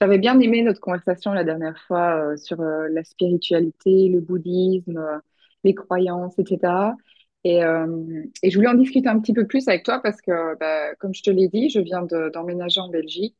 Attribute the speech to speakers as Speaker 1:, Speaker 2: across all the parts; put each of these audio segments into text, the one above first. Speaker 1: J'avais bien aimé notre conversation la dernière fois sur la spiritualité, le bouddhisme, les croyances, etc. Et je voulais en discuter un petit peu plus avec toi parce que, bah, comme je te l'ai dit, d'emménager en Belgique.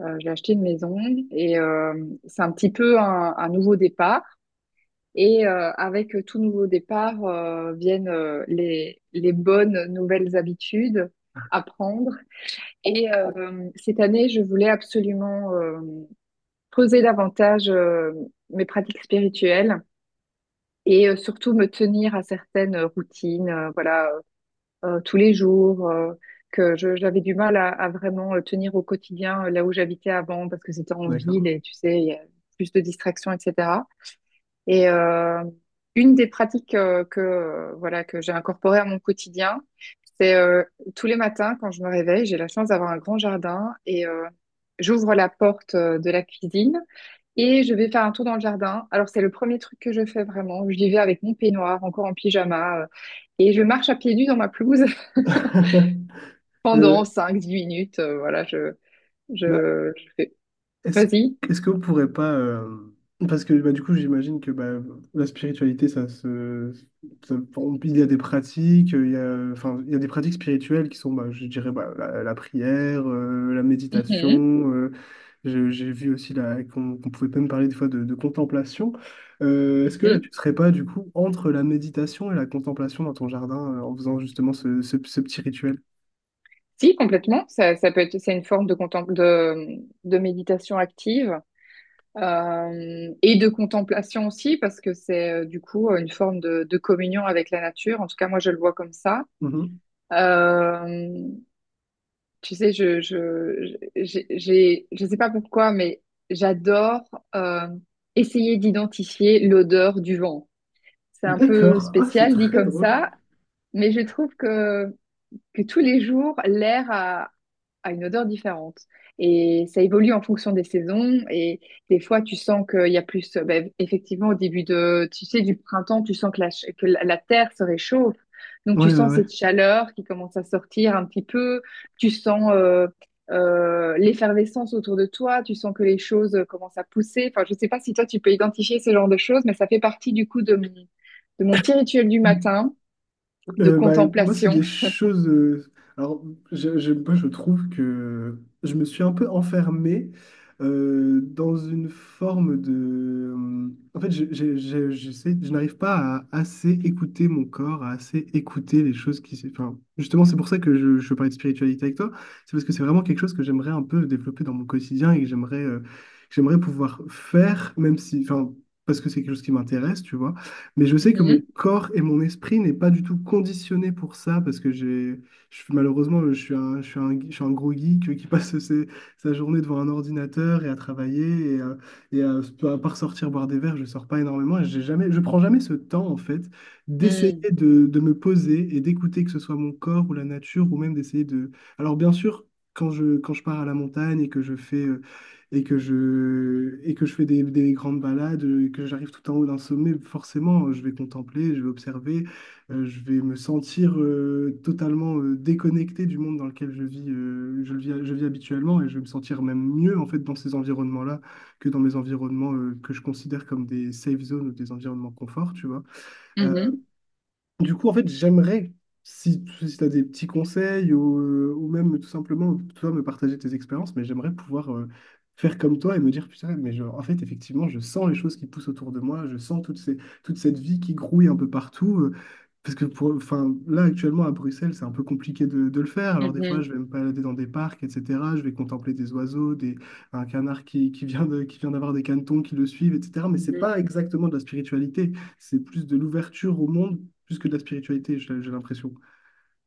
Speaker 1: J'ai acheté une maison et c'est un petit peu un nouveau départ. Avec tout nouveau départ viennent les bonnes nouvelles habitudes à prendre. Cette année, je voulais absolument creuser davantage mes pratiques spirituelles et surtout me tenir à certaines routines, voilà, tous les jours, j'avais du mal à vraiment tenir au quotidien là où j'habitais avant parce que c'était en ville
Speaker 2: D'accord.
Speaker 1: et tu sais, il y a plus de distractions, etc. Et euh, une des pratiques que voilà que j'ai incorporée à mon quotidien, c'est tous les matins quand je me réveille, j'ai la chance d'avoir un grand jardin et j'ouvre la porte de la cuisine et je vais faire un tour dans le jardin. Alors c'est le premier truc que je fais vraiment. J'y vais avec mon peignoir, encore en pyjama, et je marche à pieds nus dans ma pelouse pendant
Speaker 2: Euh,
Speaker 1: 5 10 minutes. Voilà, je
Speaker 2: Bah,
Speaker 1: je, je fais.
Speaker 2: est-ce,
Speaker 1: Vas-y.
Speaker 2: est-ce qu'on pourrait pas... Parce que bah, du coup, j'imagine que bah, la spiritualité, ça se... bon, il y a des pratiques, il y a des pratiques spirituelles qui sont, bah, je dirais, bah, la prière, la
Speaker 1: Mhm,
Speaker 2: méditation. J'ai vu aussi là, qu'on pouvait même parler des fois de contemplation. Est-ce que là,
Speaker 1: mhm.
Speaker 2: tu serais pas, du coup, entre la méditation et la contemplation dans ton jardin, en faisant justement ce petit rituel?
Speaker 1: Si, complètement. Ça peut être, c'est une forme de, de méditation active et de contemplation aussi, parce que c'est du coup une forme de communion avec la nature. En tout cas, moi, je le vois comme ça.
Speaker 2: Mm-hmm.
Speaker 1: Euh, Tu sais, je sais pas pourquoi, mais j'adore euh, essayer d'identifier l'odeur du vent. C'est un peu
Speaker 2: D'accord. Ah, c'est
Speaker 1: spécial dit
Speaker 2: très
Speaker 1: comme
Speaker 2: drôle.
Speaker 1: ça, mais je trouve que tous les jours, l'air a une odeur différente. Et ça évolue en fonction des saisons. Et des fois, tu sens qu'il y a plus. Ben, effectivement, au début de, tu sais, du printemps, tu sens que que la terre se réchauffe. Donc, tu
Speaker 2: Ouais,
Speaker 1: sens
Speaker 2: ouais,
Speaker 1: cette chaleur qui commence à sortir un petit peu. Tu sens l'effervescence autour de toi. Tu sens que les choses commencent à pousser. Enfin, je sais pas si toi, tu peux identifier ce genre de choses, mais ça fait partie du coup de mon petit rituel du
Speaker 2: ouais.
Speaker 1: matin de
Speaker 2: Bah, moi, c'est
Speaker 1: contemplation.
Speaker 2: des choses. Alors, moi, je trouve que je me suis un peu enfermé dans une forme de. En fait, je n'arrive pas à assez écouter mon corps, à assez écouter les choses Enfin, justement, c'est pour ça que je parlais de spiritualité avec toi. C'est parce que c'est vraiment quelque chose que j'aimerais un peu développer dans mon quotidien et que j'aimerais pouvoir faire, même si. Enfin, parce que c'est quelque chose qui m'intéresse, tu vois. Mais je sais que mon
Speaker 1: Mhm.
Speaker 2: corps et mon esprit n'est pas du tout conditionné pour ça, parce que je suis, malheureusement, je suis un, je suis un, je suis un gros geek qui passe sa journée devant un ordinateur et à travailler, et à, à part sortir boire des verres, je sors pas énormément, et j'ai jamais, je prends jamais ce temps, en fait, d'essayer
Speaker 1: Mm.
Speaker 2: de me poser et d'écouter que ce soit mon corps ou la nature, ou même d'essayer de... Alors bien sûr, quand je pars à la montagne et que je fais et que je fais des grandes balades, et que j'arrive tout en haut d'un sommet, forcément, je vais contempler, je vais observer, je vais me sentir totalement déconnecté du monde dans lequel je vis, je le vis, je vis habituellement, et je vais me sentir même mieux en fait dans ces environnements-là que dans mes environnements que je considère comme des safe zones ou des environnements confort, tu vois. Euh,
Speaker 1: Mhm,
Speaker 2: du coup, en fait, j'aimerais, si, tu as des petits conseils ou même tout simplement, toi, me partager tes expériences, mais j'aimerais pouvoir faire comme toi et me dire, putain, mais je- en fait, effectivement, je sens les choses qui poussent autour de moi, je sens toute cette vie qui grouille un peu partout. Parce que enfin, là, actuellement, à Bruxelles, c'est un peu compliqué de le faire. Alors, des fois,
Speaker 1: mhm,
Speaker 2: je vais me balader dans des parcs, etc. Je vais contempler des oiseaux, un canard qui vient d'avoir des canetons qui le suivent, etc. Mais c'est
Speaker 1: mhm,
Speaker 2: pas exactement de la spiritualité. C'est plus de l'ouverture au monde plus que de la spiritualité, j'ai l'impression.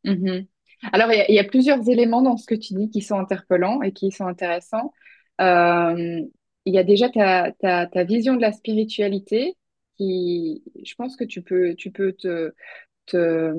Speaker 1: mhm. Alors, il y a, il y a plusieurs éléments dans ce que tu dis qui sont interpellants et qui sont intéressants. Euh, il y a déjà ta vision de la spiritualité qui, je pense que tu peux te-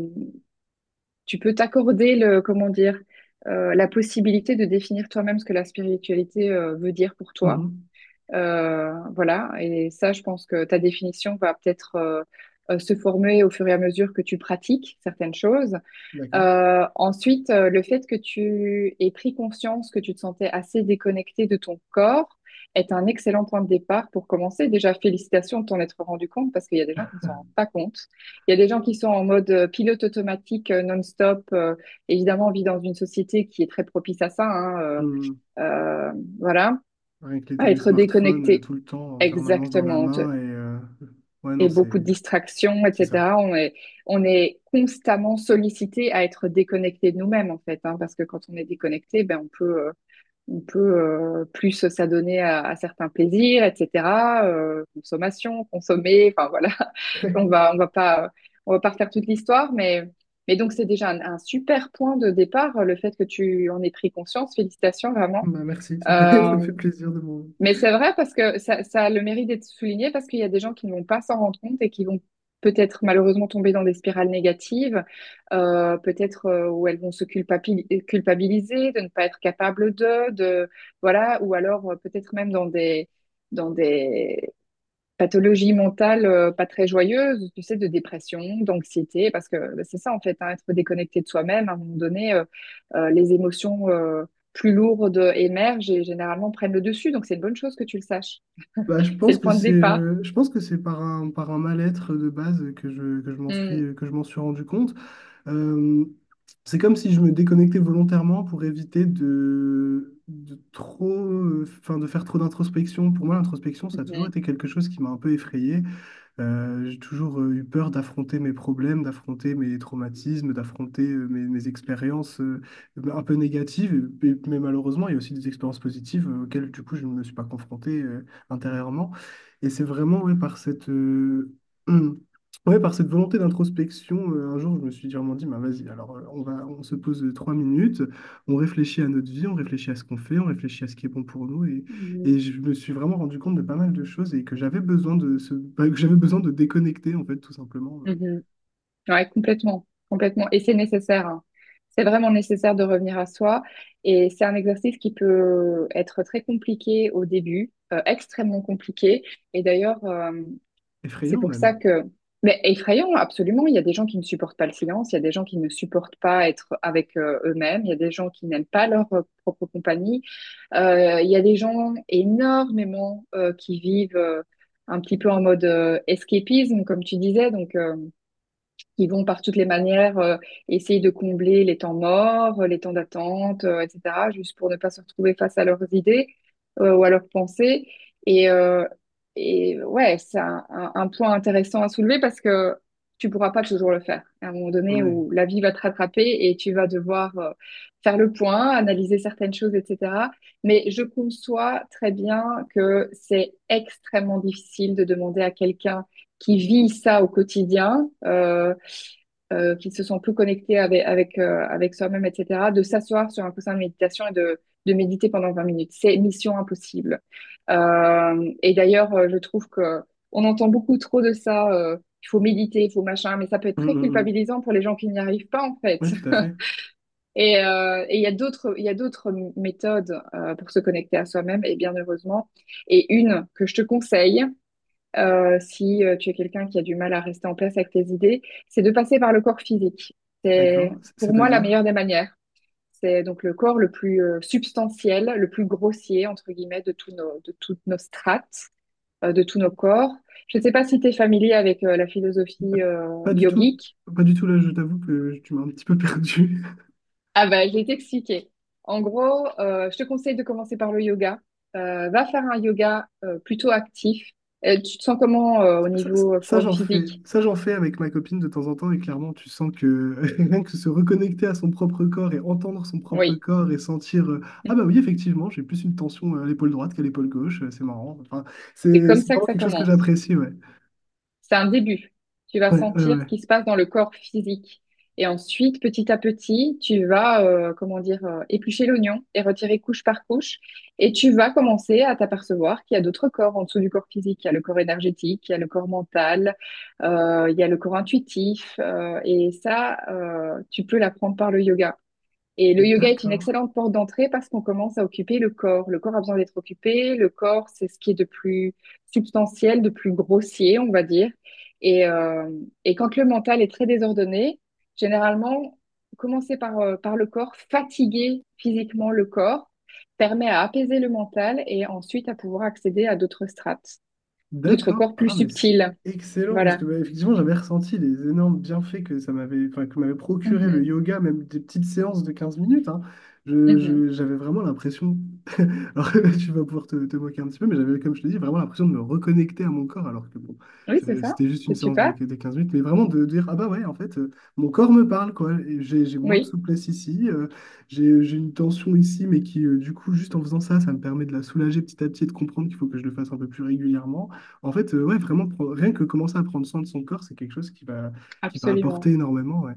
Speaker 1: tu peux t'accorder le, comment dire, la possibilité de définir toi-même ce que la spiritualité, veut dire pour toi.
Speaker 2: Mhm.
Speaker 1: Voilà. Et ça, je pense que ta définition va peut-être, se former au fur et à mesure que tu pratiques certaines choses.
Speaker 2: D'accord.
Speaker 1: Ensuite, le fait que tu aies pris conscience que tu te sentais assez déconnecté de ton corps est un excellent point de départ pour commencer. Déjà, félicitations de t'en être rendu compte parce qu'il y a des gens qui ne s'en rendent pas compte. Il y a des gens qui sont en mode pilote automatique non-stop. Évidemment, on vit dans une société qui est très propice à ça, hein,
Speaker 2: Hum,
Speaker 1: euh, voilà,
Speaker 2: Rien les,
Speaker 1: à
Speaker 2: les
Speaker 1: être
Speaker 2: smartphones,
Speaker 1: déconnecté.
Speaker 2: tout le temps, en permanence dans la
Speaker 1: Exactement
Speaker 2: main. Et ouais, non,
Speaker 1: et beaucoup de
Speaker 2: c'est
Speaker 1: distractions,
Speaker 2: c'est ça.
Speaker 1: etc. On est constamment sollicité à être déconnecté de nous-mêmes, en fait, hein, parce que quand on est déconnecté, ben, on peut plus s'adonner à certains plaisirs, etc. Consommation, consommer, enfin voilà. On va, on va pas, on va pas refaire toute l'histoire, mais donc c'est déjà un super point de départ, le fait que tu en aies pris conscience. Félicitations, vraiment.
Speaker 2: Bah, merci, ça fait, ça
Speaker 1: Euh,
Speaker 2: fait plaisir de m'en...
Speaker 1: mais c'est vrai parce que ça a le mérite d'être souligné parce qu'il y a des gens qui ne vont pas s'en rendre compte et qui vont peut-être malheureusement tomber dans des spirales négatives, peut-être où elles vont se culpabiliser de ne pas être capable de voilà, ou alors peut-être même dans des dans des pathologie mentale pas très joyeuse, tu sais, de dépression, d'anxiété, parce que bah, c'est ça en fait, hein, être déconnecté de soi-même, à un moment donné, les émotions plus lourdes émergent et généralement prennent le dessus, donc c'est une bonne chose que tu le saches.
Speaker 2: Bah, je
Speaker 1: C'est
Speaker 2: pense
Speaker 1: le
Speaker 2: que
Speaker 1: point de
Speaker 2: c'est
Speaker 1: départ.
Speaker 2: euh, je pense que c'est par un mal-être de base que je m'en
Speaker 1: Mm,
Speaker 2: suis, que je m'en suis rendu compte. Euh, c'est comme si je me déconnectais volontairement pour éviter de trop, enfin, de faire trop d'introspection. Pour moi, l'introspection, ça a toujours
Speaker 1: mhm,
Speaker 2: été quelque chose qui m'a un peu effrayé. J'ai toujours eu peur d'affronter mes problèmes, d'affronter mes traumatismes, d'affronter mes expériences un peu négatives. Et- mais malheureusement, il y a aussi des expériences positives auxquelles, du coup, je ne me suis pas confronté intérieurement. Et c'est vraiment ouais, par cette, ouais, par cette volonté d'introspection, un jour, je me suis vraiment dit, bah, vas-y, alors on se pose 3 minutes, on réfléchit à notre vie, on réfléchit à ce qu'on fait, on réfléchit à ce qui est bon pour nous.
Speaker 1: mhm,
Speaker 2: Et je me suis vraiment rendu compte de pas mal de choses et que j'avais besoin de déconnecter, en fait, tout simplement.
Speaker 1: mhm. Ouais, complètement, complètement. Et c'est nécessaire, hein. C'est vraiment nécessaire de revenir à soi. Et c'est un exercice qui peut être très compliqué au début, extrêmement compliqué. Et d'ailleurs, c'est
Speaker 2: Effrayant
Speaker 1: pour
Speaker 2: même.
Speaker 1: ça que... Mais effrayant, absolument. Il y a des gens qui ne supportent pas le silence, il y a des gens qui ne supportent pas être avec eux-mêmes, il y a des gens qui n'aiment pas leur propre compagnie, il y a des gens énormément qui vivent un petit peu en mode escapisme, comme tu disais. Donc, ils vont par toutes les manières essayer de combler les temps morts, les temps d'attente, etc., juste pour ne pas se retrouver face à leurs idées ou à leurs pensées. Et, euh, et ouais, c'est un point intéressant à soulever parce que tu pourras pas toujours le faire. À un moment donné
Speaker 2: Ouais.
Speaker 1: où la vie va te rattraper et tu vas devoir faire le point, analyser certaines choses, etc. Mais je conçois très bien que c'est extrêmement difficile de demander à quelqu'un qui vit ça au quotidien. Qui se sont plus connectés avec soi-même, etc., de s'asseoir sur un coussin de méditation et de méditer pendant 20 minutes. C'est mission impossible. Et d'ailleurs, je trouve que on entend beaucoup trop de ça. Il faut méditer, il faut machin, mais ça peut être
Speaker 2: Mm,
Speaker 1: très
Speaker 2: mm, mm.
Speaker 1: culpabilisant pour les gens qui n'y arrivent pas en fait.
Speaker 2: Ouais, tout à fait.
Speaker 1: Et il y a il y a d'autres méthodes pour se connecter à soi-même et bien heureusement. Et une que je te conseille, si tu es quelqu'un qui a du mal à rester en place avec tes idées, c'est de passer par le corps physique. C'est
Speaker 2: D'accord.
Speaker 1: pour moi la
Speaker 2: C'est-à-dire?
Speaker 1: meilleure des manières. C'est donc le corps le plus substantiel, le plus grossier, entre guillemets, de, de toutes nos strates, de tous nos corps. Je ne sais pas si tu es familier avec la philosophie
Speaker 2: Pas du tout.
Speaker 1: yogique.
Speaker 2: Pas du tout, là, je t'avoue que tu m'as un petit peu perdu.
Speaker 1: Ah bah, je vais t'expliquer. En gros, je te conseille de commencer par le yoga. Va faire un yoga plutôt actif. Tu te sens comment au
Speaker 2: Ça, ça-
Speaker 1: niveau
Speaker 2: ça,
Speaker 1: forme
Speaker 2: j'en fais.
Speaker 1: physique?
Speaker 2: Ça, j'en fais avec ma copine de temps en temps et clairement, tu sens que rien que se reconnecter à son propre corps et entendre son propre
Speaker 1: Oui.
Speaker 2: corps et sentir Ah bah oui, effectivement, j'ai plus une tension à l'épaule droite qu'à l'épaule gauche, c'est marrant. Enfin,
Speaker 1: C'est
Speaker 2: c'est
Speaker 1: comme
Speaker 2: c'est
Speaker 1: ça que
Speaker 2: vraiment
Speaker 1: ça
Speaker 2: quelque chose que
Speaker 1: commence.
Speaker 2: j'apprécie, ouais.
Speaker 1: C'est un début. Tu vas
Speaker 2: Ouais, ouais,
Speaker 1: sentir
Speaker 2: ouais.
Speaker 1: ce qui se passe dans le corps physique. Et ensuite, petit à petit, tu vas, comment dire, éplucher l'oignon et retirer couche par couche. Et tu vas commencer à t'apercevoir qu'il y a d'autres corps en dessous du corps physique. Il y a le corps énergétique, il y a le corps mental, il y a le corps intuitif. Et ça, tu peux l'apprendre par le yoga. Et le yoga est une
Speaker 2: D'accord.
Speaker 1: excellente porte d'entrée parce qu'on commence à occuper le corps. Le corps a besoin d'être occupé. Le corps, c'est ce qui est de plus substantiel, de plus grossier, on va dire. Et, euh, et quand le mental est très désordonné, généralement, commencer par, par le corps, fatiguer physiquement le corps, permet à apaiser le mental et ensuite à pouvoir accéder à d'autres strates, d'autres
Speaker 2: D'accord.
Speaker 1: corps plus
Speaker 2: Ah, mais c'est
Speaker 1: subtils.
Speaker 2: excellent parce
Speaker 1: Voilà.
Speaker 2: que bah, effectivement, j'avais ressenti les énormes bienfaits que ça m'avait, enfin, que m'avait procuré le
Speaker 1: Mhm,
Speaker 2: yoga, même des petites séances de 15 minutes. Hein. Je,
Speaker 1: mhm.
Speaker 2: je- j'avais vraiment l'impression, alors tu vas pouvoir te, te moquer un petit peu, mais j'avais, comme je te dis, vraiment l'impression de me reconnecter à mon corps, alors que bon,
Speaker 1: Oui, c'est ça.
Speaker 2: c'était juste une
Speaker 1: C'est
Speaker 2: séance de,
Speaker 1: super.
Speaker 2: de 15 minutes, mais vraiment de dire, ah bah ouais, en fait, mon corps me parle, quoi. Et j'ai moins de
Speaker 1: Oui,
Speaker 2: souplesse ici, j'ai une tension ici, mais qui, du coup, juste en faisant ça, ça me permet de la soulager petit à petit et de comprendre qu'il faut que je le fasse un peu plus régulièrement. En fait, ouais, vraiment, rien que commencer à prendre soin de son corps, c'est quelque chose qui va apporter
Speaker 1: absolument.
Speaker 2: énormément. Ouais.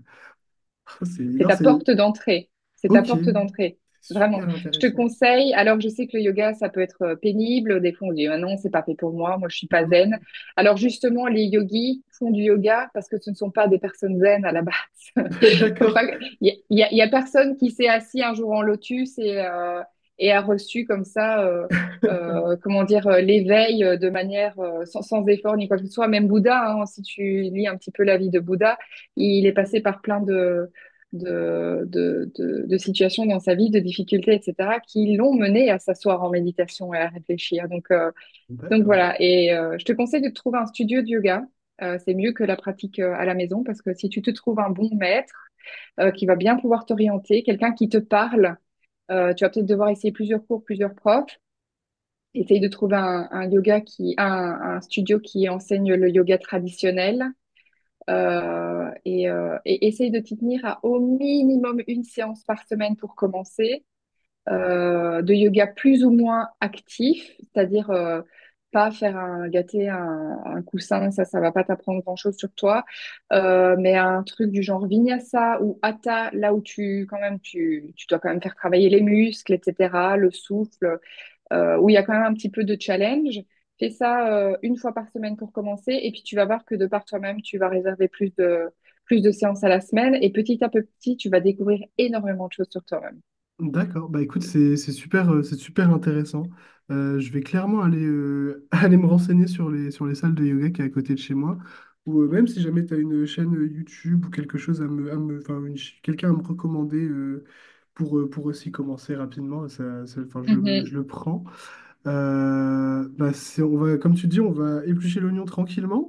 Speaker 2: C'est,
Speaker 1: C'est
Speaker 2: non,
Speaker 1: ta
Speaker 2: c'est
Speaker 1: porte d'entrée. C'est ta
Speaker 2: ok,
Speaker 1: porte d'entrée.
Speaker 2: c'est
Speaker 1: Vraiment.
Speaker 2: super
Speaker 1: Je te
Speaker 2: intéressant.
Speaker 1: conseille, alors je sais que le yoga, ça peut être pénible. Des fois, on dit, ah non, c'est pas fait pour moi. Moi, je suis pas zen. Alors justement, les yogis font du yoga parce que ce ne sont pas des personnes zen à la base. Faut pas...
Speaker 2: D'accord.
Speaker 1: Il y a personne qui s'est assis un jour en lotus et, a reçu comme ça, comment dire, l'éveil de manière sans, sans effort ni quoi que ce soit. Même Bouddha, hein, si tu lis un petit peu la vie de Bouddha, il est passé par plein de de situations dans sa vie, de difficultés, etc., qui l'ont mené à s'asseoir en méditation et à réfléchir. Donc
Speaker 2: D'accord.
Speaker 1: voilà. Et je te conseille de te trouver un studio de yoga. C'est mieux que la pratique à la maison parce que si tu te trouves un bon maître qui va bien pouvoir t'orienter, quelqu'un qui te parle, tu vas peut-être devoir essayer plusieurs cours, plusieurs profs. Essaye de trouver un yoga qui, un studio qui enseigne le yoga traditionnel, et essaye de t'y tenir à au minimum une séance par semaine pour commencer, de yoga plus ou moins actif, c'est-à-dire pas faire un gâter un coussin, ça va pas t'apprendre grand-chose sur toi, mais un truc du genre vinyasa ou hatha, là où tu quand même tu dois quand même faire travailler les muscles, etc., le souffle où il y a quand même un petit peu de challenge. Fais ça une fois par semaine pour commencer, et puis tu vas voir que de par toi-même, tu vas réserver plus de séances à la semaine, et petit à petit, tu vas découvrir énormément de choses sur toi-même.
Speaker 2: D'accord. Bah écoute, c'est super, c'est super intéressant. Je vais clairement aller, aller me renseigner sur les salles de yoga qui est à côté de chez moi. Ou même si jamais tu as une chaîne YouTube ou quelque chose à me, enfin, quelqu'un à me recommander pour aussi commencer rapidement, enfin, je
Speaker 1: Mhm.
Speaker 2: le prends. Bah, on va, comme tu dis, on va éplucher l'oignon tranquillement.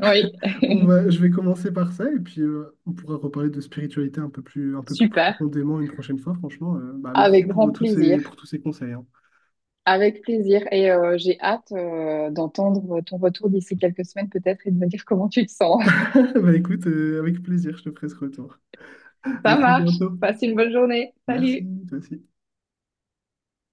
Speaker 1: Oui,
Speaker 2: On va, je vais commencer par ça et puis on pourra reparler de spiritualité un peu plus
Speaker 1: super.
Speaker 2: profondément une prochaine fois. Franchement, bah, merci
Speaker 1: Avec grand
Speaker 2: pour
Speaker 1: plaisir.
Speaker 2: pour tous ces conseils. Hein.
Speaker 1: Avec plaisir. Et j'ai hâte d'entendre ton retour d'ici quelques semaines peut-être et de me dire comment tu te sens.
Speaker 2: Bah, écoute, avec plaisir, je te ferai ce retour. À
Speaker 1: Ça
Speaker 2: très
Speaker 1: marche.
Speaker 2: bientôt.
Speaker 1: Passe une bonne journée.
Speaker 2: Merci,
Speaker 1: Salut.
Speaker 2: toi aussi.